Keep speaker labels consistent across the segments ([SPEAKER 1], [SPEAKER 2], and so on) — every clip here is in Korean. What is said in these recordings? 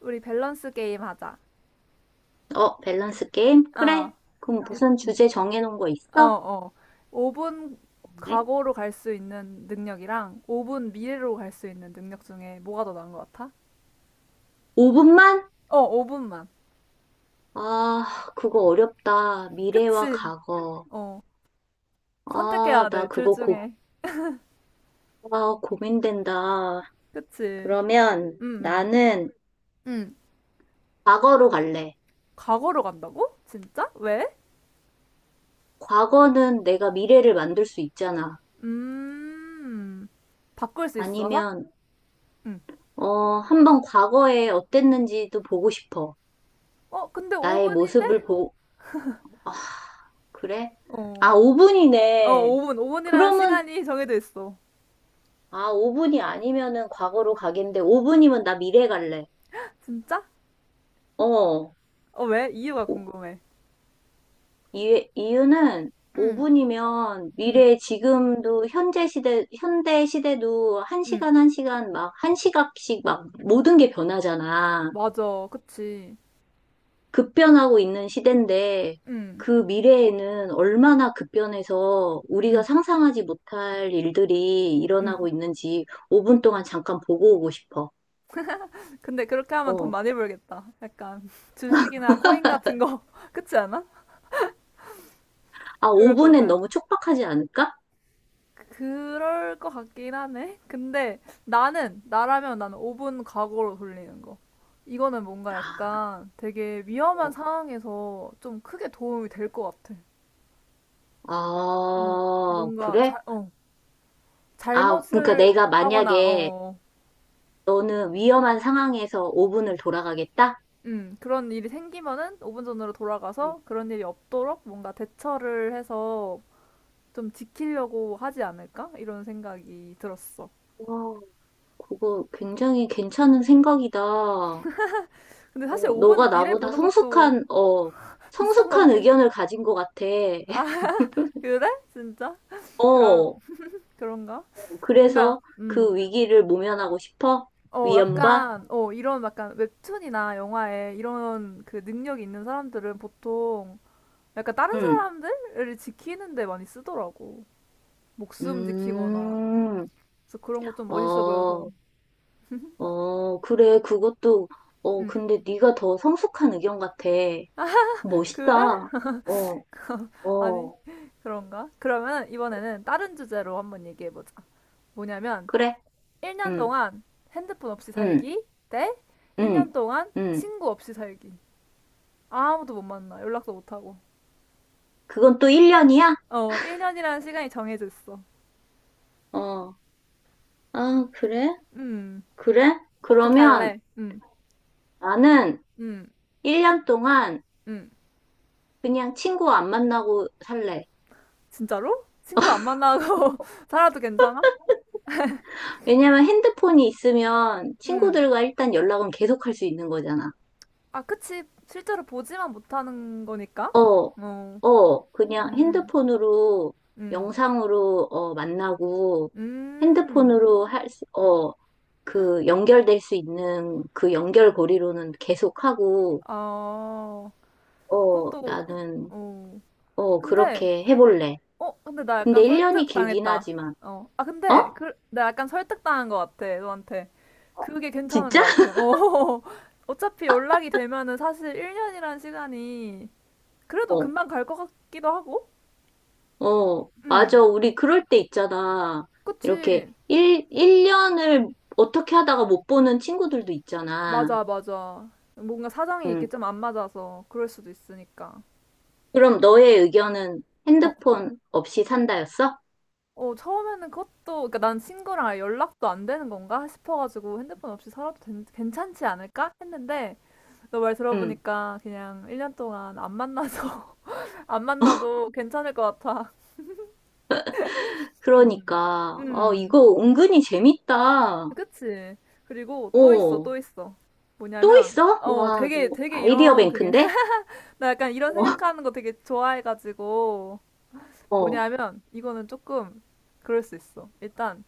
[SPEAKER 1] 우리 밸런스 게임 하자.
[SPEAKER 2] 어, 밸런스 게임?
[SPEAKER 1] 어.
[SPEAKER 2] 그래. 그럼
[SPEAKER 1] 일-
[SPEAKER 2] 무슨 주제 정해놓은 거
[SPEAKER 1] 어,
[SPEAKER 2] 있어?
[SPEAKER 1] 어. 5분
[SPEAKER 2] 네?
[SPEAKER 1] 과거로 갈 수 있는 능력이랑 5분 미래로 갈 수 있는 능력 중에 뭐가 더 나은 것 같아?
[SPEAKER 2] 5분만?
[SPEAKER 1] 어, 5분만.
[SPEAKER 2] 아, 그거 어렵다. 미래와
[SPEAKER 1] 그치.
[SPEAKER 2] 과거.
[SPEAKER 1] 어.
[SPEAKER 2] 아,
[SPEAKER 1] 선택해야 돼, 둘 중에.
[SPEAKER 2] 아, 고민된다.
[SPEAKER 1] 그치.
[SPEAKER 2] 그러면
[SPEAKER 1] 음, 음.
[SPEAKER 2] 나는
[SPEAKER 1] 음.
[SPEAKER 2] 과거로 갈래.
[SPEAKER 1] 과거로 간다고? 진짜? 왜?
[SPEAKER 2] 과거는 내가 미래를 만들 수 있잖아.
[SPEAKER 1] 음. 바꿀 수 있어서?
[SPEAKER 2] 아니면,
[SPEAKER 1] 응.
[SPEAKER 2] 한번 과거에 어땠는지도 보고 싶어.
[SPEAKER 1] 어, 근데
[SPEAKER 2] 나의
[SPEAKER 1] 5분인데?
[SPEAKER 2] 모습을 보, 아, 그래?
[SPEAKER 1] 어.
[SPEAKER 2] 아,
[SPEAKER 1] 어,
[SPEAKER 2] 5분이네.
[SPEAKER 1] 5분. 5분이라는
[SPEAKER 2] 그러면
[SPEAKER 1] 시간이 정해져 있어.
[SPEAKER 2] 아, 5분이 아니면은 과거로 가겠는데, 5분이면 나 미래 갈래.
[SPEAKER 1] 진짜?
[SPEAKER 2] 어.
[SPEAKER 1] 어, 왜? 이유가
[SPEAKER 2] 오-
[SPEAKER 1] 궁금해.
[SPEAKER 2] 이유는
[SPEAKER 1] 응,
[SPEAKER 2] 5분이면
[SPEAKER 1] 응,
[SPEAKER 2] 미래 지금도 현재 시대, 현대 시대도
[SPEAKER 1] 응.
[SPEAKER 2] 한시간한시간 막, 한시각씩막 모든 게 변하잖아.
[SPEAKER 1] 맞아. 그치.
[SPEAKER 2] 급변하고 있는 시대인데,
[SPEAKER 1] 응,
[SPEAKER 2] 그 미래에는 얼마나 급변해서 우리가
[SPEAKER 1] 응,
[SPEAKER 2] 상상하지 못할 일들이
[SPEAKER 1] 응.
[SPEAKER 2] 일어나고 있는지 5분 동안 잠깐 보고 오고 싶어.
[SPEAKER 1] 근데 그렇게 하면 돈
[SPEAKER 2] 어.
[SPEAKER 1] 많이 벌겠다. 약간 주식이나 코인 같은 거. 그치 않아?
[SPEAKER 2] 아,
[SPEAKER 1] 그럴 것
[SPEAKER 2] 5분엔
[SPEAKER 1] 같아.
[SPEAKER 2] 너무 촉박하지 않을까?
[SPEAKER 1] 그럴 것 같긴 하네. 근데 나라면 나는 5분 과거로 돌리는 거. 이거는 뭔가
[SPEAKER 2] 아,
[SPEAKER 1] 약간 되게 위험한
[SPEAKER 2] 어.
[SPEAKER 1] 상황에서 좀 크게 도움이 될 것 같아. 어,
[SPEAKER 2] 아,
[SPEAKER 1] 뭔가
[SPEAKER 2] 그래?
[SPEAKER 1] 잘, 어,
[SPEAKER 2] 아, 그러니까
[SPEAKER 1] 잘못을
[SPEAKER 2] 내가
[SPEAKER 1] 하거나, 어,
[SPEAKER 2] 만약에
[SPEAKER 1] 어.
[SPEAKER 2] 너는 위험한 상황에서 5분을 돌아가겠다?
[SPEAKER 1] 그런 일이 생기면은 5분 전으로
[SPEAKER 2] 음.
[SPEAKER 1] 돌아가서 그런 일이 없도록 뭔가 대처를 해서 좀 지키려고 하지 않을까? 이런 생각이 들었어.
[SPEAKER 2] 와, 그거 굉장히 괜찮은 생각이다. 어,
[SPEAKER 1] 근데 사실
[SPEAKER 2] 너가
[SPEAKER 1] 5분 미래
[SPEAKER 2] 나보다
[SPEAKER 1] 보는 것도
[SPEAKER 2] 성숙한, 어,
[SPEAKER 1] 비슷한 것
[SPEAKER 2] 성숙한
[SPEAKER 1] 같긴.
[SPEAKER 2] 의견을 가진 것 같아.
[SPEAKER 1] 아, 그래? 진짜? 그럼,
[SPEAKER 2] 어,
[SPEAKER 1] 그런가? 뭔가,
[SPEAKER 2] 그래서 그 위기를 모면하고 싶어?
[SPEAKER 1] 어,
[SPEAKER 2] 위험과?
[SPEAKER 1] 약간, 어, 이런 약간 웹툰이나 영화에 이런 그 능력이 있는 사람들은 보통 약간 다른
[SPEAKER 2] 응.
[SPEAKER 1] 사람들을 지키는 데 많이 쓰더라고. 목숨 지키거나.
[SPEAKER 2] 음,
[SPEAKER 1] 그래서 그런 거 좀 멋있어 보여서.
[SPEAKER 2] 어, 어, 그래, 그것도,
[SPEAKER 1] 음,
[SPEAKER 2] 근데 네가 더 성숙한 의견 같아.
[SPEAKER 1] 그래?
[SPEAKER 2] 멋있다. 어,
[SPEAKER 1] 아니,
[SPEAKER 2] 어,
[SPEAKER 1] 그런가? 그러면 이번에는 다른 주제로 한번 얘기해보자. 뭐냐면,
[SPEAKER 2] 그래.
[SPEAKER 1] 1년
[SPEAKER 2] 응,
[SPEAKER 1] 동안 핸드폰 없이
[SPEAKER 2] 응,
[SPEAKER 1] 살기 대
[SPEAKER 2] 응,
[SPEAKER 1] 1년 동안
[SPEAKER 2] 응.
[SPEAKER 1] 친구 없이 살기. 아무도 못 만나. 연락도 못 하고.
[SPEAKER 2] 그건 또 1년이야?
[SPEAKER 1] 어, 1년이라는 시간이 정해져 있어.
[SPEAKER 2] 어, 아, 그래?
[SPEAKER 1] 음,
[SPEAKER 2] 그래?
[SPEAKER 1] 어떻게
[SPEAKER 2] 그러면
[SPEAKER 1] 할래?
[SPEAKER 2] 나는
[SPEAKER 1] 음,
[SPEAKER 2] 1년 동안
[SPEAKER 1] 음.
[SPEAKER 2] 그냥 친구 안 만나고 살래.
[SPEAKER 1] 진짜로? 친구 안 만나고 살아도 괜찮아?
[SPEAKER 2] 왜냐면 핸드폰이 있으면
[SPEAKER 1] 음.
[SPEAKER 2] 친구들과 일단 연락은 계속 할 수 있는 거잖아.
[SPEAKER 1] 아, 그치. 실제로 보지만 못하는 거니까.
[SPEAKER 2] 어,
[SPEAKER 1] 어,
[SPEAKER 2] 어, 그냥
[SPEAKER 1] 음,
[SPEAKER 2] 핸드폰으로,
[SPEAKER 1] 음.
[SPEAKER 2] 영상으로, 어, 만나고,
[SPEAKER 1] 음.
[SPEAKER 2] 핸드폰으로 할 수, 어, 그 연결될 수 있는 그 연결고리로는 계속하고,
[SPEAKER 1] 아,
[SPEAKER 2] 어,
[SPEAKER 1] 그것도, 그-
[SPEAKER 2] 나는,
[SPEAKER 1] 어. 근데,
[SPEAKER 2] 그렇게 해볼래.
[SPEAKER 1] 어, 근데 나
[SPEAKER 2] 근데
[SPEAKER 1] 약간
[SPEAKER 2] 1년이 길긴
[SPEAKER 1] 설득당했다.
[SPEAKER 2] 하지만,
[SPEAKER 1] 어. 아, 근데,
[SPEAKER 2] 어?
[SPEAKER 1] 그, 내가 약간 설득당한 것 같아, 너한테. 그게 괜찮은
[SPEAKER 2] 진짜?
[SPEAKER 1] 것 같아. 어. 어차피 연락이 되면은 사실 1년이란 시간이 그래도
[SPEAKER 2] 어,
[SPEAKER 1] 금방 갈 것 같기도 하고?
[SPEAKER 2] 어,
[SPEAKER 1] 음.
[SPEAKER 2] 맞아. 우리 그럴 때 있잖아. 이렇게
[SPEAKER 1] 그치.
[SPEAKER 2] 1년을 어떻게 하다가 못 보는 친구들도 있잖아.
[SPEAKER 1] 맞아, 맞아. 뭔가 사정이 이게
[SPEAKER 2] 응.
[SPEAKER 1] 좀 안 맞아서 그럴 수도 있으니까.
[SPEAKER 2] 그럼 너의 의견은
[SPEAKER 1] 어.
[SPEAKER 2] 핸드폰 없이 산다였어?
[SPEAKER 1] 어, 처음에는 그것도, 그니까 난 친구랑 아예 연락도 안 되는 건가 싶어가지고 핸드폰 없이 살아도 괜찮지 않을까? 했는데, 너 말
[SPEAKER 2] 응.
[SPEAKER 1] 들어보니까 그냥 1년 동안 안 만나서, 안 만나도 괜찮을 것 같아. 음,
[SPEAKER 2] 그러니까, 어,
[SPEAKER 1] 음,
[SPEAKER 2] 이거 은근히 재밌다.
[SPEAKER 1] 그치. 그리고 또 있어, 또 있어.
[SPEAKER 2] 또
[SPEAKER 1] 뭐냐면,
[SPEAKER 2] 있어?
[SPEAKER 1] 어,
[SPEAKER 2] 와, 너
[SPEAKER 1] 되게, 되게
[SPEAKER 2] 아이디어
[SPEAKER 1] 이런, 그게,
[SPEAKER 2] 뱅크인데?
[SPEAKER 1] 나 약간 이런
[SPEAKER 2] 어,
[SPEAKER 1] 생각하는 거 되게 좋아해가지고,
[SPEAKER 2] 어,
[SPEAKER 1] 뭐냐면 이거는 조금 그럴 수 있어. 일단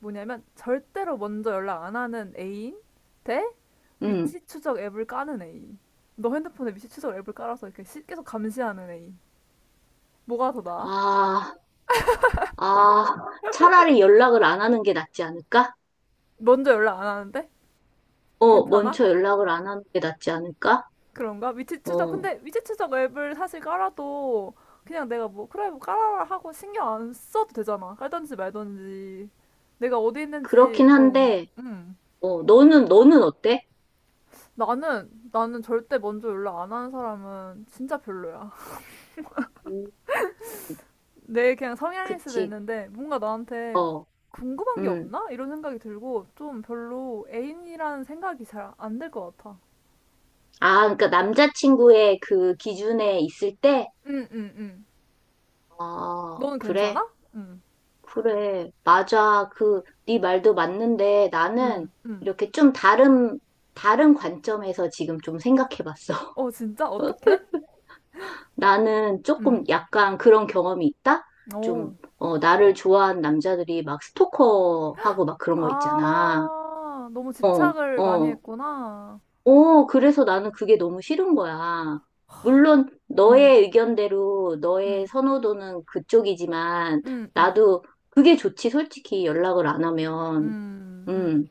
[SPEAKER 1] 뭐냐면 절대로 먼저 연락 안 하는 애인 대
[SPEAKER 2] 응.
[SPEAKER 1] 위치 추적 앱을 까는 애인. 너 핸드폰에 위치 추적 앱을 깔아서 이렇게 계속 감시하는 애인. 뭐가 더 나아?
[SPEAKER 2] 아, 아, 차라리 연락을 안 하는 게 낫지 않을까?
[SPEAKER 1] 먼저 연락 안 하는데?
[SPEAKER 2] 어,
[SPEAKER 1] 괜찮아?
[SPEAKER 2] 먼저 연락을 안 하는 게 낫지 않을까?
[SPEAKER 1] 그런가? 위치 추적.
[SPEAKER 2] 어,
[SPEAKER 1] 근데 위치 추적 앱을 사실 깔아도 그냥 내가 뭐 그래 뭐 깔아라 하고 신경 안 써도 되잖아. 깔던지 말던지 내가 어디 있는지
[SPEAKER 2] 그렇긴
[SPEAKER 1] 어.
[SPEAKER 2] 한데,
[SPEAKER 1] 음.
[SPEAKER 2] 어, 너는 어때?
[SPEAKER 1] 나는 절대 먼저 연락 안 하는 사람은 진짜 별로야.
[SPEAKER 2] 음,
[SPEAKER 1] 내 그냥 성향일 수도
[SPEAKER 2] 그치,
[SPEAKER 1] 있는데, 뭔가 나한테
[SPEAKER 2] 어,
[SPEAKER 1] 궁금한 게
[SPEAKER 2] 음.
[SPEAKER 1] 없나? 이런 생각이 들고, 좀 별로 애인이라는 생각이 잘 안 들 것 같아.
[SPEAKER 2] 아, 그러니까 남자친구의 그 기준에 있을 때,
[SPEAKER 1] 응, 응, 응.
[SPEAKER 2] 아,
[SPEAKER 1] 너는
[SPEAKER 2] 그래?
[SPEAKER 1] 괜찮아? 응,
[SPEAKER 2] 그래. 맞아. 그, 네 말도 맞는데 나는
[SPEAKER 1] 응, 응.
[SPEAKER 2] 이렇게 좀 다른 관점에서 지금 좀 생각해 봤어.
[SPEAKER 1] 어, 진짜? 어떻게?
[SPEAKER 2] 나는
[SPEAKER 1] 응.
[SPEAKER 2] 조금 약간 그런 경험이 있다? 좀,
[SPEAKER 1] 오.
[SPEAKER 2] 나를 좋아하는 남자들이 막 스토커하고 막 그런 거 있잖아.
[SPEAKER 1] 아, 너무
[SPEAKER 2] 어,
[SPEAKER 1] 집착을 많이
[SPEAKER 2] 어.
[SPEAKER 1] 했구나.
[SPEAKER 2] 어, 그래서 나는 그게 너무 싫은 거야. 물론
[SPEAKER 1] 응,
[SPEAKER 2] 너의 의견대로 너의
[SPEAKER 1] 응,
[SPEAKER 2] 선호도는 그쪽이지만
[SPEAKER 1] 응, 응,
[SPEAKER 2] 나도 그게 좋지, 솔직히 연락을 안 하면.
[SPEAKER 1] 응, 응.
[SPEAKER 2] 음,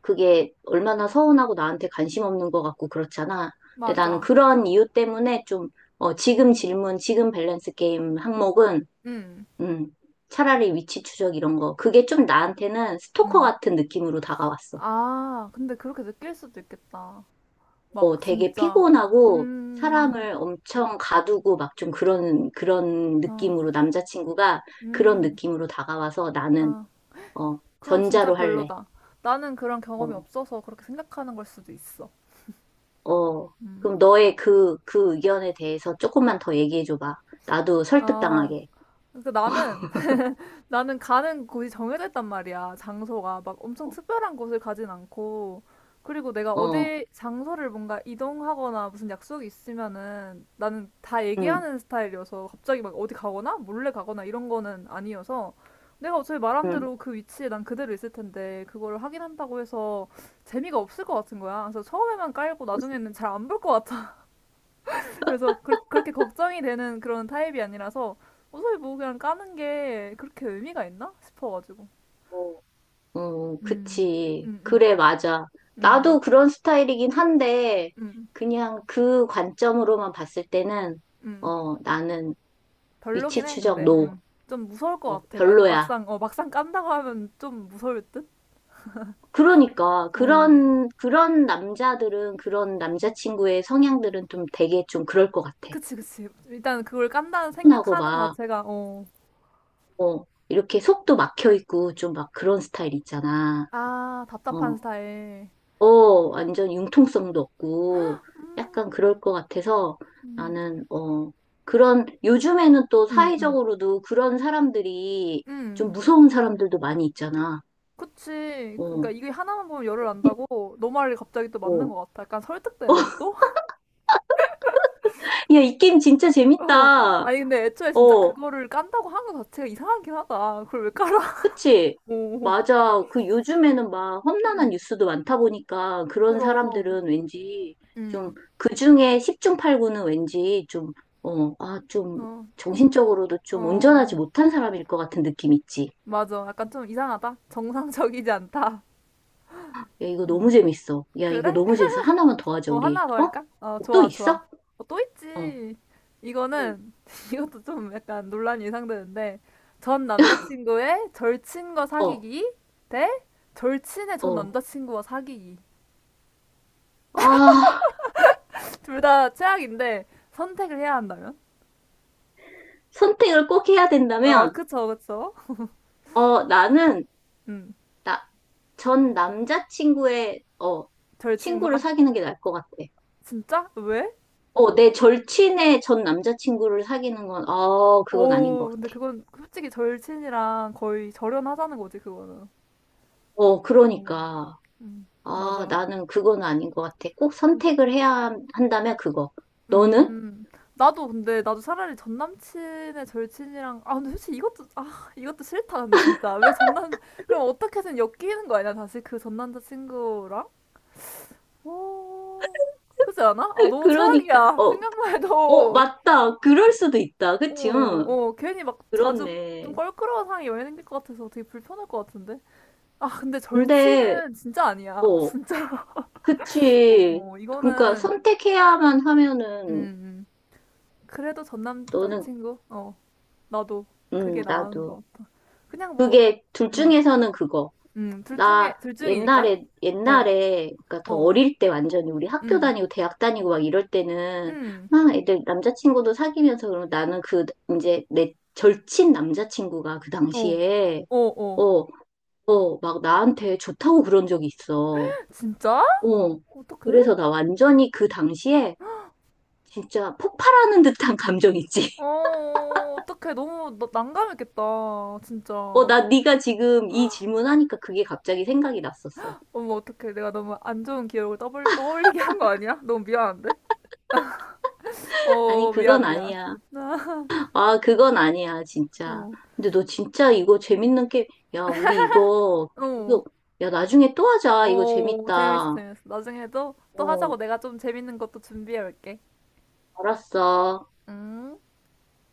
[SPEAKER 2] 그게 얼마나 서운하고 나한테 관심 없는 것 같고 그렇잖아. 근데 나는
[SPEAKER 1] 맞아.
[SPEAKER 2] 그런 이유 때문에 좀, 어, 지금 밸런스 게임 항목은,
[SPEAKER 1] 응,
[SPEAKER 2] 음, 차라리 위치 추적 이런 거. 그게 좀 나한테는 스토커
[SPEAKER 1] 응.
[SPEAKER 2] 같은 느낌으로 다가왔어.
[SPEAKER 1] 아, 근데 그렇게 느낄 수도 있겠다. 막
[SPEAKER 2] 어, 되게
[SPEAKER 1] 진짜,
[SPEAKER 2] 피곤하고
[SPEAKER 1] 음,
[SPEAKER 2] 사람을 엄청 가두고 막 좀 그런
[SPEAKER 1] 어,
[SPEAKER 2] 느낌으로 남자친구가 그런
[SPEAKER 1] 음,
[SPEAKER 2] 느낌으로 다가와서 나는,
[SPEAKER 1] 아,
[SPEAKER 2] 어,
[SPEAKER 1] 그럼 진짜
[SPEAKER 2] 전자로 할래.
[SPEAKER 1] 별로다. 나는 그런 경험이
[SPEAKER 2] 어,
[SPEAKER 1] 없어서 그렇게 생각하는 걸 수도 있어.
[SPEAKER 2] 어,
[SPEAKER 1] 음,
[SPEAKER 2] 그럼 너의 그 의견에 대해서 조금만 더 얘기해줘봐. 나도
[SPEAKER 1] 어,
[SPEAKER 2] 설득당하게.
[SPEAKER 1] 그러니까 나는 나는 가는 곳이 정해져 있단 말이야. 장소가 막 엄청 특별한 곳을 가진 않고. 그리고 내가
[SPEAKER 2] 어,
[SPEAKER 1] 어디 장소를 뭔가 이동하거나 무슨 약속이 있으면은 나는 다
[SPEAKER 2] 응,
[SPEAKER 1] 얘기하는 스타일이어서 갑자기 막 어디 가거나 몰래 가거나 이런 거는 아니어서 내가 어차피 말한 대
[SPEAKER 2] 응.
[SPEAKER 1] 로 그 위치에 난 그대로 있을 텐데 그거를 확인한다고 해서 재미가 없을 것 같은 거야. 그래서 처음에만 깔고 나중에는 잘안볼것 그래서 그렇게 걱정이 되는 그런 타입이 아니라서 어차피 뭐 그냥 까는 게 그렇게 의미가 있나 싶어가지고.
[SPEAKER 2] 어, 어,
[SPEAKER 1] 음,
[SPEAKER 2] 그치.
[SPEAKER 1] 음, 음,
[SPEAKER 2] 그래, 맞아.
[SPEAKER 1] 음,
[SPEAKER 2] 나도 그런 스타일이긴 한데,
[SPEAKER 1] 음,
[SPEAKER 2] 그냥 그 관점으로만 봤을 때는,
[SPEAKER 1] 음.
[SPEAKER 2] 어, 나는
[SPEAKER 1] 별로긴
[SPEAKER 2] 위치
[SPEAKER 1] 해,
[SPEAKER 2] 추적
[SPEAKER 1] 근데.
[SPEAKER 2] 노.
[SPEAKER 1] 음. 좀 무서울 것
[SPEAKER 2] 어,
[SPEAKER 1] 같아. 만
[SPEAKER 2] 별로야.
[SPEAKER 1] 막상, 어, 막상 깐다고 하면 좀 무서울 듯?
[SPEAKER 2] 그러니까
[SPEAKER 1] 어.
[SPEAKER 2] 그런 남자들은 그런 남자친구의 성향들은 좀 되게 좀 그럴 것 같아.
[SPEAKER 1] 그치, 그치. 일단 그걸 깐다는
[SPEAKER 2] 하고
[SPEAKER 1] 생각하는 것
[SPEAKER 2] 막
[SPEAKER 1] 자체가, 어.
[SPEAKER 2] 어, 이렇게 속도 막혀 있고 좀 막 그런 스타일 있잖아.
[SPEAKER 1] 아, 답답한
[SPEAKER 2] 어,
[SPEAKER 1] 스타일.
[SPEAKER 2] 어, 완전 융통성도 없고
[SPEAKER 1] 음,
[SPEAKER 2] 약간 그럴 것 같아서
[SPEAKER 1] 음.
[SPEAKER 2] 나는 어 그런 요즘에는 또
[SPEAKER 1] 음, 음.
[SPEAKER 2] 사회적으로도 그런 사람들이 좀
[SPEAKER 1] 음.
[SPEAKER 2] 무서운 사람들도 많이 있잖아.
[SPEAKER 1] 그치. 그러니까
[SPEAKER 2] 어,
[SPEAKER 1] 이게 하나만 보면 열을 안다고 너 말이 갑자기 또 맞는
[SPEAKER 2] 어.
[SPEAKER 1] 것 같아. 약간 설득되는데 또?
[SPEAKER 2] 야, 이 게임 진짜
[SPEAKER 1] 어.
[SPEAKER 2] 재밌다.
[SPEAKER 1] 아니 근데 애초에 진짜
[SPEAKER 2] 어.
[SPEAKER 1] 그거를 깐다고 하는 것 자체가 이상하긴 하다. 그걸 왜 깔아?
[SPEAKER 2] 그치?
[SPEAKER 1] 오,
[SPEAKER 2] 맞아. 그 요즘에는 막
[SPEAKER 1] 음,
[SPEAKER 2] 험난한 뉴스도 많다 보니까 그런
[SPEAKER 1] 그럼,
[SPEAKER 2] 사람들은 왠지 좀
[SPEAKER 1] 음,
[SPEAKER 2] 그중에 10중 8구는 왠지 좀, 좀
[SPEAKER 1] 어,
[SPEAKER 2] 정신적으로도 좀 온전하지
[SPEAKER 1] 어,
[SPEAKER 2] 못한 사람일 것 같은 느낌 있지.
[SPEAKER 1] 맞아. 약간 좀 이상하다. 정상적이지 않다.
[SPEAKER 2] 야, 이거 너무
[SPEAKER 1] 음,
[SPEAKER 2] 재밌어. 야,
[SPEAKER 1] 그래?
[SPEAKER 2] 이거 너무 재밌어. 하나만 더 하자,
[SPEAKER 1] 어,
[SPEAKER 2] 우리.
[SPEAKER 1] 하나 더
[SPEAKER 2] 어?
[SPEAKER 1] 할까? 어,
[SPEAKER 2] 또
[SPEAKER 1] 좋아, 좋아.
[SPEAKER 2] 있어?
[SPEAKER 1] 어, 또
[SPEAKER 2] 어,
[SPEAKER 1] 있지.
[SPEAKER 2] 응.
[SPEAKER 1] 이거는, 이것도 좀 약간 논란이 예상되는데, 전 남자친구의 절친과
[SPEAKER 2] 어,
[SPEAKER 1] 사귀기 대 절친의 전
[SPEAKER 2] 어.
[SPEAKER 1] 남자친구와 사귀기.
[SPEAKER 2] 아,
[SPEAKER 1] 둘 다 최악인데, 선택을 해야 한다면?
[SPEAKER 2] 선택을 꼭 해야
[SPEAKER 1] 어,
[SPEAKER 2] 된다면,
[SPEAKER 1] 그쵸, 그쵸.
[SPEAKER 2] 어, 나는
[SPEAKER 1] 음,
[SPEAKER 2] 나, 전 남자친구의, 어, 친구를
[SPEAKER 1] 절친과?
[SPEAKER 2] 사귀는 게 나을 것 같아.
[SPEAKER 1] 진짜? 왜?
[SPEAKER 2] 어, 내 절친의 전 남자친구를 사귀는 건, 어, 그건 아닌 것
[SPEAKER 1] 어우, 근데
[SPEAKER 2] 같아.
[SPEAKER 1] 그건 솔직히 절친이랑 거의 절연하자는 거지, 그거는.
[SPEAKER 2] 어, 그러니까. 아,
[SPEAKER 1] 맞아.
[SPEAKER 2] 나는 그건 아닌 것 같아. 꼭 선택을 해야 한다면 그거. 너는?
[SPEAKER 1] 음. 나도 근데 나도 차라리 전 남친의 절친이랑 아 근데 솔직히 이것도 싫다 근데 진짜 왜 전남 그럼 어떻게든 엮이는 거 아니야 다시 그 전 남자친구랑? 오 그렇지 않아? 아 너무
[SPEAKER 2] 그러니까.
[SPEAKER 1] 최악이야
[SPEAKER 2] 어,
[SPEAKER 1] 생각만
[SPEAKER 2] 어,
[SPEAKER 1] 해도
[SPEAKER 2] 맞다. 그럴 수도 있다.
[SPEAKER 1] 어,
[SPEAKER 2] 그치? 응.
[SPEAKER 1] 어 괜히 막 자주 좀
[SPEAKER 2] 그렇네.
[SPEAKER 1] 껄끄러운 상황이 여행이 생길 것 같아서 되게 불편할 것 같은데 아 근데
[SPEAKER 2] 근데,
[SPEAKER 1] 절친은 진짜 아니야
[SPEAKER 2] 어,
[SPEAKER 1] 진짜 어
[SPEAKER 2] 그치.
[SPEAKER 1] 어,
[SPEAKER 2] 그러니까
[SPEAKER 1] 이거는
[SPEAKER 2] 선택해야만
[SPEAKER 1] 음
[SPEAKER 2] 하면은,
[SPEAKER 1] 음. 그래도 전
[SPEAKER 2] 너는,
[SPEAKER 1] 남자친구 어 나도 그게 나은
[SPEAKER 2] 나도.
[SPEAKER 1] 것 같아. 그냥 뭐,
[SPEAKER 2] 그게 둘
[SPEAKER 1] 어,
[SPEAKER 2] 중에서는 그거.
[SPEAKER 1] 둘
[SPEAKER 2] 나
[SPEAKER 1] 중에, 둘 중이니까?
[SPEAKER 2] 옛날에
[SPEAKER 1] 어,
[SPEAKER 2] 옛날에 그러니까 더
[SPEAKER 1] 어,
[SPEAKER 2] 어릴 때 완전히 우리 학교
[SPEAKER 1] 음,
[SPEAKER 2] 다니고 대학 다니고 막 이럴 때는
[SPEAKER 1] 음,
[SPEAKER 2] 막 애들 남자친구도 사귀면서 그러면 나는 그 이제 내 절친 남자친구가 그
[SPEAKER 1] 어,
[SPEAKER 2] 당시에
[SPEAKER 1] 어,
[SPEAKER 2] 어,
[SPEAKER 1] 어.
[SPEAKER 2] 어, 막 나한테 좋다고 그런 적이 있어.
[SPEAKER 1] 진짜?
[SPEAKER 2] 어.
[SPEAKER 1] 어떡해?
[SPEAKER 2] 그래서 나 완전히 그 당시에 진짜 폭발하는 듯한 감정 있지.
[SPEAKER 1] 어, 어떡해. 너무 난감했겠다.
[SPEAKER 2] 어,
[SPEAKER 1] 진짜.
[SPEAKER 2] 나 네가 지금 이 질문하니까 그게 갑자기 생각이 났었어.
[SPEAKER 1] 어머, 어떡해. 내가 너무 안 좋은 기억을 떠올리게 한 거 아니야? 너무 미안한데?
[SPEAKER 2] 아니,
[SPEAKER 1] 어,
[SPEAKER 2] 그건
[SPEAKER 1] 미안, 미안.
[SPEAKER 2] 아니야. 아, 그건 아니야, 진짜.
[SPEAKER 1] 어,
[SPEAKER 2] 근데 너 진짜 이거 재밌는 게, 야, 우리 이거
[SPEAKER 1] 어,
[SPEAKER 2] 계속, 야, 나중에 또 하자. 이거
[SPEAKER 1] 어, 재밌어,
[SPEAKER 2] 재밌다.
[SPEAKER 1] 재밌어. 나중에도 또 하자고
[SPEAKER 2] 어,
[SPEAKER 1] 내가 좀 재밌는 것도 준비해 올게.
[SPEAKER 2] 알았어.
[SPEAKER 1] 응?